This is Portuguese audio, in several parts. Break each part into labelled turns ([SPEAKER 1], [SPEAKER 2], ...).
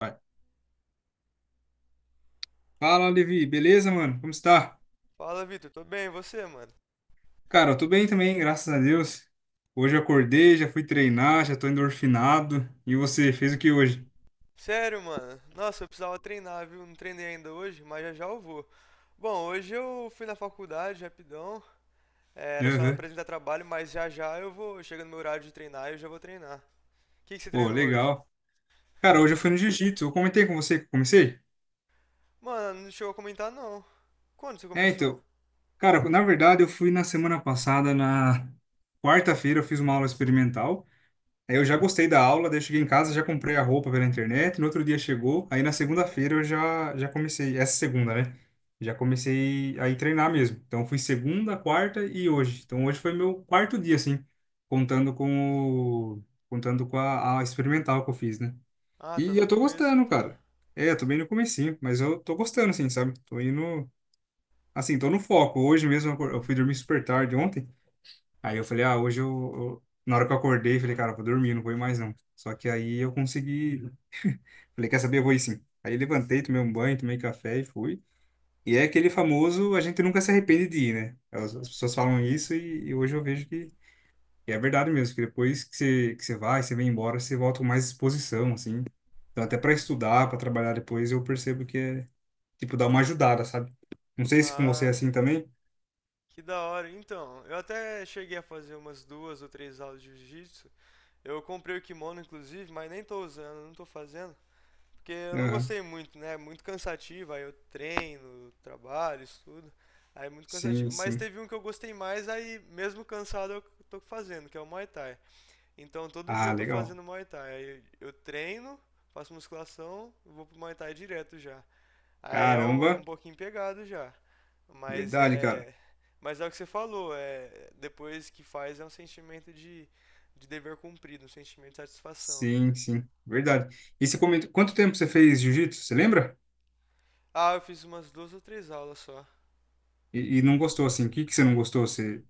[SPEAKER 1] Vai. Fala, Levi, beleza, mano? Como está?
[SPEAKER 2] Fala, Vitor. Tô bem, e você, mano?
[SPEAKER 1] Cara, eu tô bem também, graças a Deus. Hoje eu acordei, já fui treinar, já tô endorfinado. E você, fez o que hoje?
[SPEAKER 2] Sério, mano? Nossa, eu precisava treinar, viu? Não treinei ainda hoje, mas já já eu vou. Bom, hoje eu fui na faculdade, rapidão. Era só
[SPEAKER 1] Aham.
[SPEAKER 2] apresentar trabalho, mas já já eu vou. Chega no meu horário de treinar e eu já vou treinar. O que você
[SPEAKER 1] Pô,
[SPEAKER 2] treinou hoje?
[SPEAKER 1] legal. Cara, hoje eu fui no jiu-jitsu. Eu comentei com você que eu comecei?
[SPEAKER 2] Mano, não chegou a comentar, não. Quando você
[SPEAKER 1] É,
[SPEAKER 2] começou?
[SPEAKER 1] então. Cara, na verdade, eu fui na semana passada, na quarta-feira, eu fiz uma aula experimental. Aí eu já gostei da aula, daí eu cheguei em casa, já comprei a roupa pela internet, no outro dia chegou, aí na segunda-feira eu já, já comecei, essa segunda, né? Já comecei a ir treinar mesmo. Então fui segunda, quarta e hoje. Então hoje foi meu quarto dia, assim, contando com o, contando com a experimental que eu fiz, né?
[SPEAKER 2] Ah, tá
[SPEAKER 1] E
[SPEAKER 2] no
[SPEAKER 1] eu tô
[SPEAKER 2] começo,
[SPEAKER 1] gostando,
[SPEAKER 2] então.
[SPEAKER 1] cara. É, eu tô bem no comecinho, mas eu tô gostando, assim, sabe? Tô indo, assim, tô no foco. Hoje mesmo eu fui dormir super tarde ontem. Aí eu falei, ah, hoje na hora que eu acordei, falei, cara, eu vou dormir, não vou ir mais não. Só que aí eu consegui. Falei, quer saber? Eu vou ir sim. Aí levantei, tomei um banho, tomei café e fui. E é aquele famoso, a gente nunca se arrepende de ir, né? As pessoas falam isso e hoje eu vejo que é verdade mesmo, que depois que você vai, você vem embora, você volta com mais disposição, assim. Então, até para estudar, para trabalhar depois, eu percebo que é, tipo, dá uma ajudada, sabe? Não sei se com você é
[SPEAKER 2] Ah,
[SPEAKER 1] assim também.
[SPEAKER 2] que da hora. Então, eu até cheguei a fazer umas duas ou três aulas de jiu-jitsu. Eu comprei o kimono, inclusive, mas nem tô usando, não tô fazendo. Porque eu não
[SPEAKER 1] Aham.
[SPEAKER 2] gostei muito, né? Muito cansativo, aí eu treino, trabalho, estudo. Aí é muito cansativo.
[SPEAKER 1] Sim,
[SPEAKER 2] Mas
[SPEAKER 1] sim.
[SPEAKER 2] teve um que eu gostei mais, aí mesmo cansado eu tô fazendo, que é o Muay Thai. Então todo dia
[SPEAKER 1] Ah,
[SPEAKER 2] eu tô
[SPEAKER 1] legal.
[SPEAKER 2] fazendo Muay Thai. Aí eu treino, faço musculação, vou pro Muay Thai direto já. Aí é um
[SPEAKER 1] Caramba.
[SPEAKER 2] pouquinho pegado já. Mas
[SPEAKER 1] Verdade, cara.
[SPEAKER 2] é. Mas é o que você falou, depois que faz é um sentimento de dever cumprido, um sentimento de satisfação.
[SPEAKER 1] Sim, sim. Verdade. E você comentou, quanto tempo você fez jiu-jitsu? Você lembra?
[SPEAKER 2] Ah, eu fiz umas duas ou três aulas só.
[SPEAKER 1] E não gostou, assim. O que que você não gostou? Você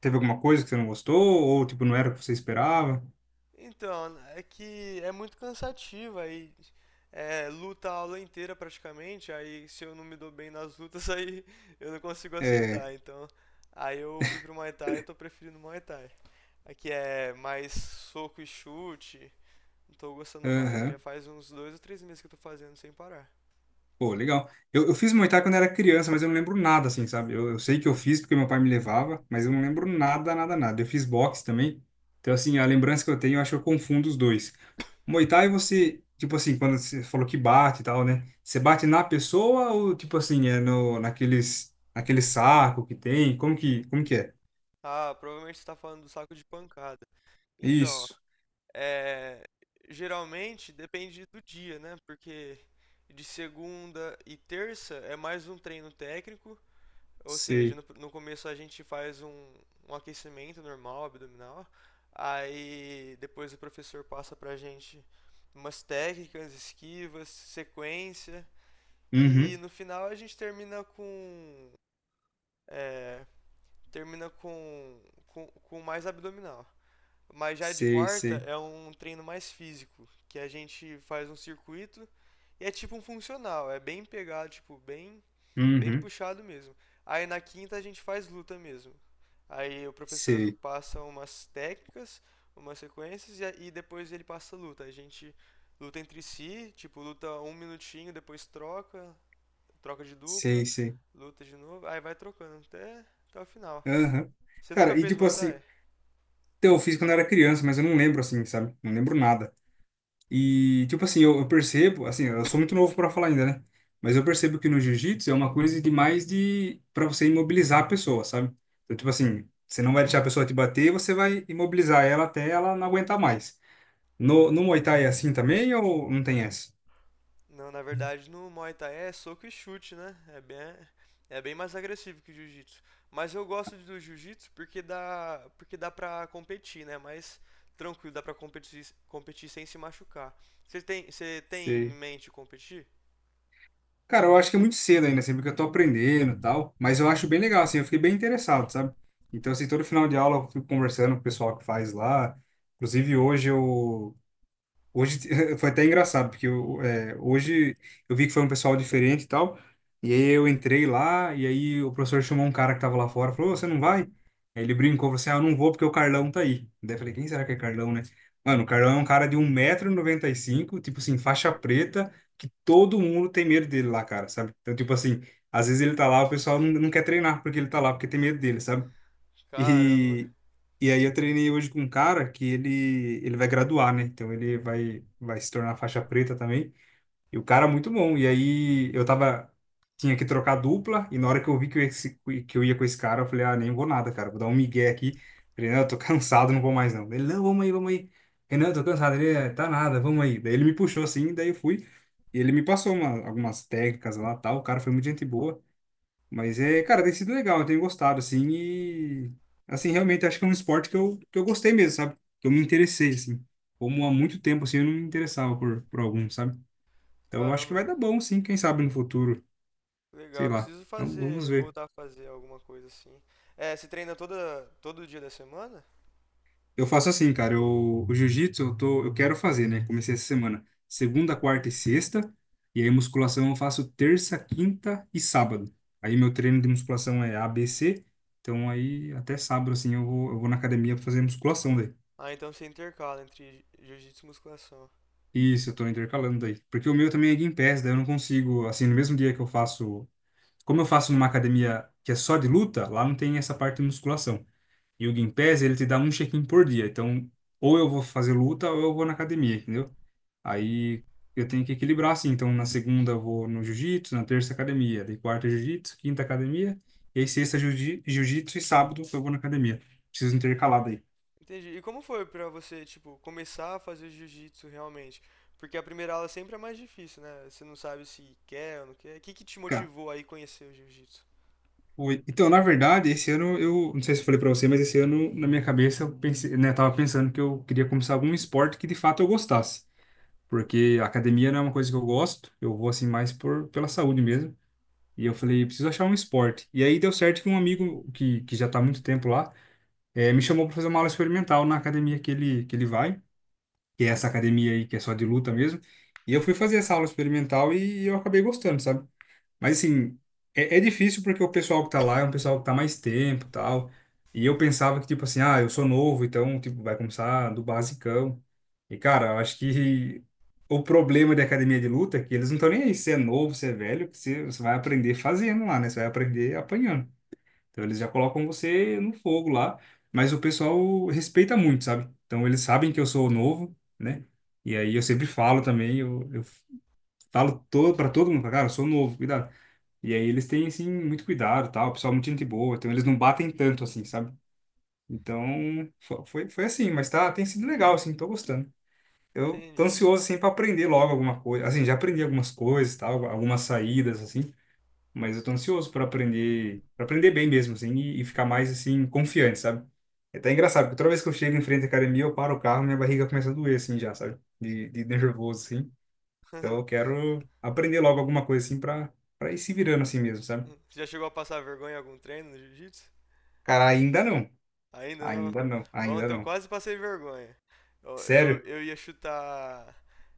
[SPEAKER 1] teve alguma coisa que você não gostou? Ou, tipo, não era o que você esperava?
[SPEAKER 2] Então, é que é muito cansativo aí, luta a aula inteira praticamente, aí se eu não me dou bem nas lutas, aí eu não consigo
[SPEAKER 1] É.
[SPEAKER 2] aceitar. Então, aí eu fui pro Muay Thai, eu tô preferindo Muay Thai. Aqui é mais soco e chute, não tô gostando mais, já
[SPEAKER 1] Aham.
[SPEAKER 2] faz uns dois ou três meses que eu tô fazendo sem parar.
[SPEAKER 1] Pô, legal. Eu fiz Muay Thai quando era criança, mas eu não lembro nada, assim, sabe? Eu sei que eu fiz porque meu pai me levava, mas eu não lembro nada, nada, nada. Eu fiz boxe também. Então, assim, a lembrança que eu tenho, eu acho que eu confundo os dois. Muay Thai você, tipo assim, quando você falou que bate e tal, né? Você bate na pessoa ou tipo assim, é no naqueles naquele saco que tem? Como que é?
[SPEAKER 2] Ah, provavelmente você tá falando do saco de pancada. Então,
[SPEAKER 1] Isso.
[SPEAKER 2] é, geralmente depende do dia, né? Porque de segunda e terça é mais um treino técnico, ou seja,
[SPEAKER 1] Sei.
[SPEAKER 2] no começo a gente faz um aquecimento normal, abdominal, aí depois o professor passa pra gente umas técnicas, esquivas, sequência, e
[SPEAKER 1] Uhum.
[SPEAKER 2] no final a gente termina é, termina com mais abdominal. Mas já de
[SPEAKER 1] Sei,
[SPEAKER 2] quarta
[SPEAKER 1] sei.
[SPEAKER 2] é um treino mais físico, que a gente faz um circuito e é tipo um funcional, é bem pegado, tipo, bem, bem
[SPEAKER 1] Uhum.
[SPEAKER 2] puxado mesmo. Aí na quinta a gente faz luta mesmo. Aí o professor
[SPEAKER 1] Sei.
[SPEAKER 2] passa umas técnicas, umas sequências e, e depois ele passa luta. A gente luta entre si, tipo, luta um minutinho, depois troca, troca de dupla,
[SPEAKER 1] Sei, sei.
[SPEAKER 2] luta de novo, aí vai trocando até o final.
[SPEAKER 1] Aham.
[SPEAKER 2] Você nunca
[SPEAKER 1] Cara, e
[SPEAKER 2] fez
[SPEAKER 1] tipo
[SPEAKER 2] Muay
[SPEAKER 1] assim,
[SPEAKER 2] Thai?
[SPEAKER 1] então, eu fiz quando eu era criança, mas eu não lembro assim, sabe? Não lembro nada. E, tipo assim, eu percebo, assim, eu sou muito novo para falar ainda, né? Mas eu percebo que no jiu-jitsu é uma coisa de mais de para você imobilizar a pessoa, sabe? Então, tipo assim, você não vai deixar a pessoa te bater, você vai imobilizar ela até ela não aguentar mais. No Muay Thai é assim também ou não tem essa?
[SPEAKER 2] Não, na verdade no Muay Thai é soco e chute, né? É bem mais agressivo que o Jiu-Jitsu. Mas eu gosto do Jiu-Jitsu porque dá pra competir, né? Mais tranquilo, dá pra competir, competir sem se machucar. Você tem em
[SPEAKER 1] Sei.
[SPEAKER 2] mente competir?
[SPEAKER 1] Cara, eu acho que é muito cedo ainda, assim, porque eu tô aprendendo e tal, mas eu acho bem legal, assim, eu fiquei bem interessado, sabe? Então, assim, todo final de aula eu fico conversando com o pessoal que faz lá. Inclusive, hoje eu... Hoje foi até engraçado, porque hoje eu vi que foi um pessoal diferente e tal. E aí eu entrei lá, e aí o professor chamou um cara que tava lá fora, falou, "Ô, você não vai?" Aí ele brincou, falou assim, ah, eu não vou porque o Carlão tá aí. Daí eu falei, quem será que é Carlão, né? Mano, o Carlão é um cara de 1,95 m, tipo assim, faixa preta, que todo mundo tem medo dele lá, cara, sabe? Então, tipo assim, às vezes ele tá lá, o pessoal não, não quer treinar porque ele tá lá, porque tem medo dele, sabe?
[SPEAKER 2] Caramba,
[SPEAKER 1] E, e aí eu treinei hoje com um cara que ele vai graduar, né? Então ele vai se tornar faixa preta também. E o cara é muito bom. E aí eu tava, tinha que trocar dupla, e na hora que eu vi que eu, ia se- que eu ia com esse cara, eu falei, ah, nem vou nada, cara, vou dar um migué aqui. Falei, não, eu tô cansado, não vou mais não. Ele, não, vamos aí, vamos aí. Renan, eu tô cansado. Ele, "É, tá nada, vamos aí." Daí ele me puxou assim, daí eu fui. E ele me passou algumas técnicas lá, tal. O cara foi muito gente boa. Mas é, cara, tem sido legal, eu tenho gostado, assim, e assim, realmente acho que é um esporte que eu gostei mesmo, sabe? Que eu me interessei, assim. Como há muito tempo, assim, eu não me interessava por algum, sabe? Então eu acho que
[SPEAKER 2] Caramba.
[SPEAKER 1] vai dar bom, sim, quem sabe no futuro, sei
[SPEAKER 2] Legal,
[SPEAKER 1] lá.
[SPEAKER 2] preciso
[SPEAKER 1] Então, vamos
[SPEAKER 2] fazer,
[SPEAKER 1] ver.
[SPEAKER 2] voltar a fazer alguma coisa assim. É, todo dia da semana?
[SPEAKER 1] Eu faço assim, cara, o jiu-jitsu eu quero fazer, né? Comecei essa semana, segunda, quarta e sexta, e aí musculação eu faço terça, quinta e sábado. Aí meu treino de musculação é A B C, então aí até sábado, assim, eu vou na academia pra fazer musculação, daí.
[SPEAKER 2] Ah, então você intercala entre jiu-jitsu e musculação.
[SPEAKER 1] Isso, eu tô intercalando daí. Porque o meu também é Game Pass, daí eu não consigo, assim, no mesmo dia que eu faço. Como eu faço numa academia que é só de luta, lá não tem essa parte de musculação. E o Game Pass, ele te dá um check-in por dia. Então, ou eu vou fazer luta ou eu vou na academia, entendeu? Aí eu tenho que equilibrar assim. Então, na segunda eu vou no jiu-jitsu, na terça academia, daí quarta jiu-jitsu, quinta academia, e aí sexta jiu-jitsu e sábado eu vou na academia. Preciso intercalar daí.
[SPEAKER 2] Entendi. E como foi pra você, tipo, começar a fazer jiu-jitsu realmente? Porque a primeira aula sempre é mais difícil, né? Você não sabe se quer ou não quer. O que te motivou aí conhecer o jiu-jitsu?
[SPEAKER 1] Oi. Então, na verdade, esse ano eu, não sei se eu falei pra você, mas esse ano na minha cabeça eu pensei, né, tava pensando que eu queria começar algum esporte que de fato eu gostasse, porque a academia não é uma coisa que eu gosto, eu vou assim mais por pela saúde mesmo. E eu falei, preciso achar um esporte. E aí deu certo que um amigo que já tá há muito tempo lá, eh, me chamou para fazer uma aula experimental na academia que ele vai, que é essa academia aí que é só de luta mesmo. E eu fui fazer essa aula experimental e eu acabei gostando, sabe? Mas assim, é difícil porque o pessoal que tá lá é um pessoal que tá mais tempo, e tal. E eu pensava que tipo assim, ah, eu sou novo, então tipo vai começar do basicão. E cara, eu acho que o problema de academia de luta é que eles não estão nem aí se é novo, se é velho, que você vai aprender fazendo lá, né? Você vai aprender apanhando. Então eles já colocam você no fogo lá, mas o pessoal respeita muito, sabe? Então eles sabem que eu sou novo, né? E aí eu sempre falo também, eu falo todo para todo mundo, falo, cara, eu sou novo, cuidado. E aí eles têm, assim, muito cuidado, tal, o pessoal é muito gente boa, então eles não batem tanto, assim, sabe? Então, foi assim, mas tá, tem sido legal, assim, tô gostando. Eu tô
[SPEAKER 2] Entendi.
[SPEAKER 1] ansioso, assim, pra aprender logo alguma coisa. Assim, já aprendi algumas coisas, tal, algumas saídas, assim, mas eu tô ansioso pra aprender, pra, aprender bem mesmo, assim, e ficar mais, assim, confiante, sabe? É até engraçado, porque toda vez que eu chego em frente à academia, eu paro o carro, minha barriga começa a doer, assim, já, sabe? De nervoso, assim. Então, eu quero aprender logo alguma coisa, assim, pra, pra ir se virando, assim mesmo, sabe?
[SPEAKER 2] Você já chegou a passar vergonha em algum treino no jiu-jitsu?
[SPEAKER 1] Cara, ainda não.
[SPEAKER 2] Ainda não?
[SPEAKER 1] Ainda não, ainda
[SPEAKER 2] Ontem eu
[SPEAKER 1] não.
[SPEAKER 2] quase passei vergonha. Eu, eu,
[SPEAKER 1] Sério?
[SPEAKER 2] eu ia chutar.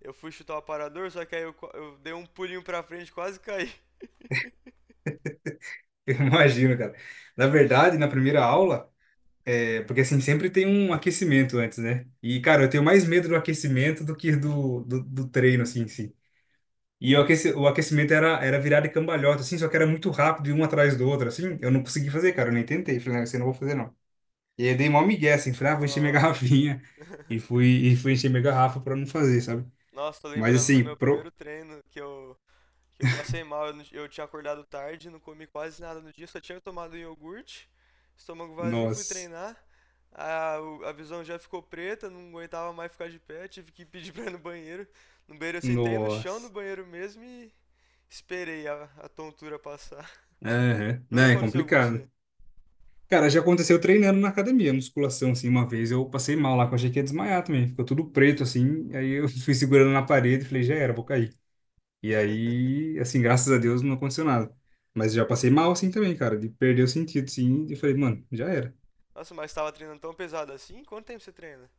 [SPEAKER 2] Eu fui chutar o aparador, só que aí eu dei um pulinho pra frente e quase caí.
[SPEAKER 1] Eu imagino, cara. Na verdade, na primeira aula, é porque assim, sempre tem um aquecimento antes, né? E, cara, eu tenho mais medo do aquecimento do que do treino, assim, em si. E o o aquecimento era, era virada e cambalhota, assim, só que era muito rápido e um atrás do outro, assim. Eu não consegui fazer, cara, eu nem tentei. Falei, não, você não vou fazer, não. E aí eu dei mó migué, assim, falei, ah, vou encher minha
[SPEAKER 2] Nossa.
[SPEAKER 1] garrafinha. E fui, e fui encher minha garrafa pra não fazer, sabe?
[SPEAKER 2] Nossa, tô
[SPEAKER 1] Mas
[SPEAKER 2] lembrando do
[SPEAKER 1] assim,
[SPEAKER 2] meu primeiro treino que eu que eu passei mal, eu tinha acordado tarde, não comi quase nada no dia, só tinha tomado iogurte, estômago vazio, fui
[SPEAKER 1] Nossa,
[SPEAKER 2] treinar. A visão já ficou preta, não aguentava mais ficar de pé, tive que pedir pra ir no banheiro. No banheiro eu sentei no chão no
[SPEAKER 1] nossa.
[SPEAKER 2] banheiro mesmo e esperei a tontura passar.
[SPEAKER 1] Aham.
[SPEAKER 2] Nunca
[SPEAKER 1] Né? É
[SPEAKER 2] aconteceu com você?
[SPEAKER 1] complicado. Cara, já aconteceu treinando na academia, musculação, assim, uma vez eu passei mal lá, que eu achei que ia desmaiar também. Ficou tudo preto, assim, aí eu fui segurando na parede e falei, já era, vou cair. E aí, assim, graças a Deus não aconteceu nada. Mas já passei mal, assim, também, cara, de perder o sentido, assim, e falei, mano, já era.
[SPEAKER 2] Nossa, mas tava treinando tão pesado assim? Quanto tempo você treina?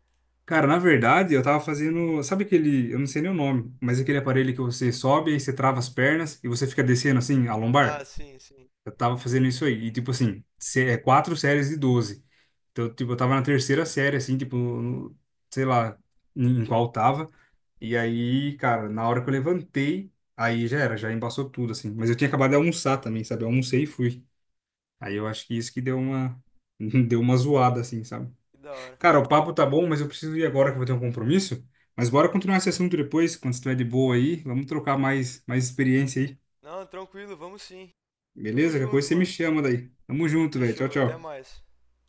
[SPEAKER 1] Cara, na verdade, eu tava fazendo, sabe aquele, eu não sei nem o nome, mas aquele aparelho que você sobe, aí você trava as pernas e você fica descendo, assim, a
[SPEAKER 2] Ah,
[SPEAKER 1] lombar?
[SPEAKER 2] sim, sim.
[SPEAKER 1] Eu tava fazendo isso aí, e tipo assim, é 4 séries de 12. Então, tipo, eu tava na terceira série, assim, tipo, sei lá em qual eu tava. E aí, cara, na hora que eu levantei, aí já era, já embaçou tudo, assim. Mas eu tinha acabado de almoçar também, sabe? Eu almocei e fui. Aí eu acho que isso que deu uma zoada, assim, sabe?
[SPEAKER 2] Que da hora.
[SPEAKER 1] Cara, o papo tá bom, mas eu preciso ir agora que eu vou ter um compromisso. Mas bora continuar esse assunto depois, quando você estiver de boa aí. Vamos trocar mais experiência aí.
[SPEAKER 2] Não, tranquilo, vamos sim. Tamo
[SPEAKER 1] Beleza? Qualquer coisa
[SPEAKER 2] junto,
[SPEAKER 1] você me
[SPEAKER 2] mano.
[SPEAKER 1] chama daí. Tamo junto, velho. Tchau,
[SPEAKER 2] Fechou, até
[SPEAKER 1] tchau.
[SPEAKER 2] mais.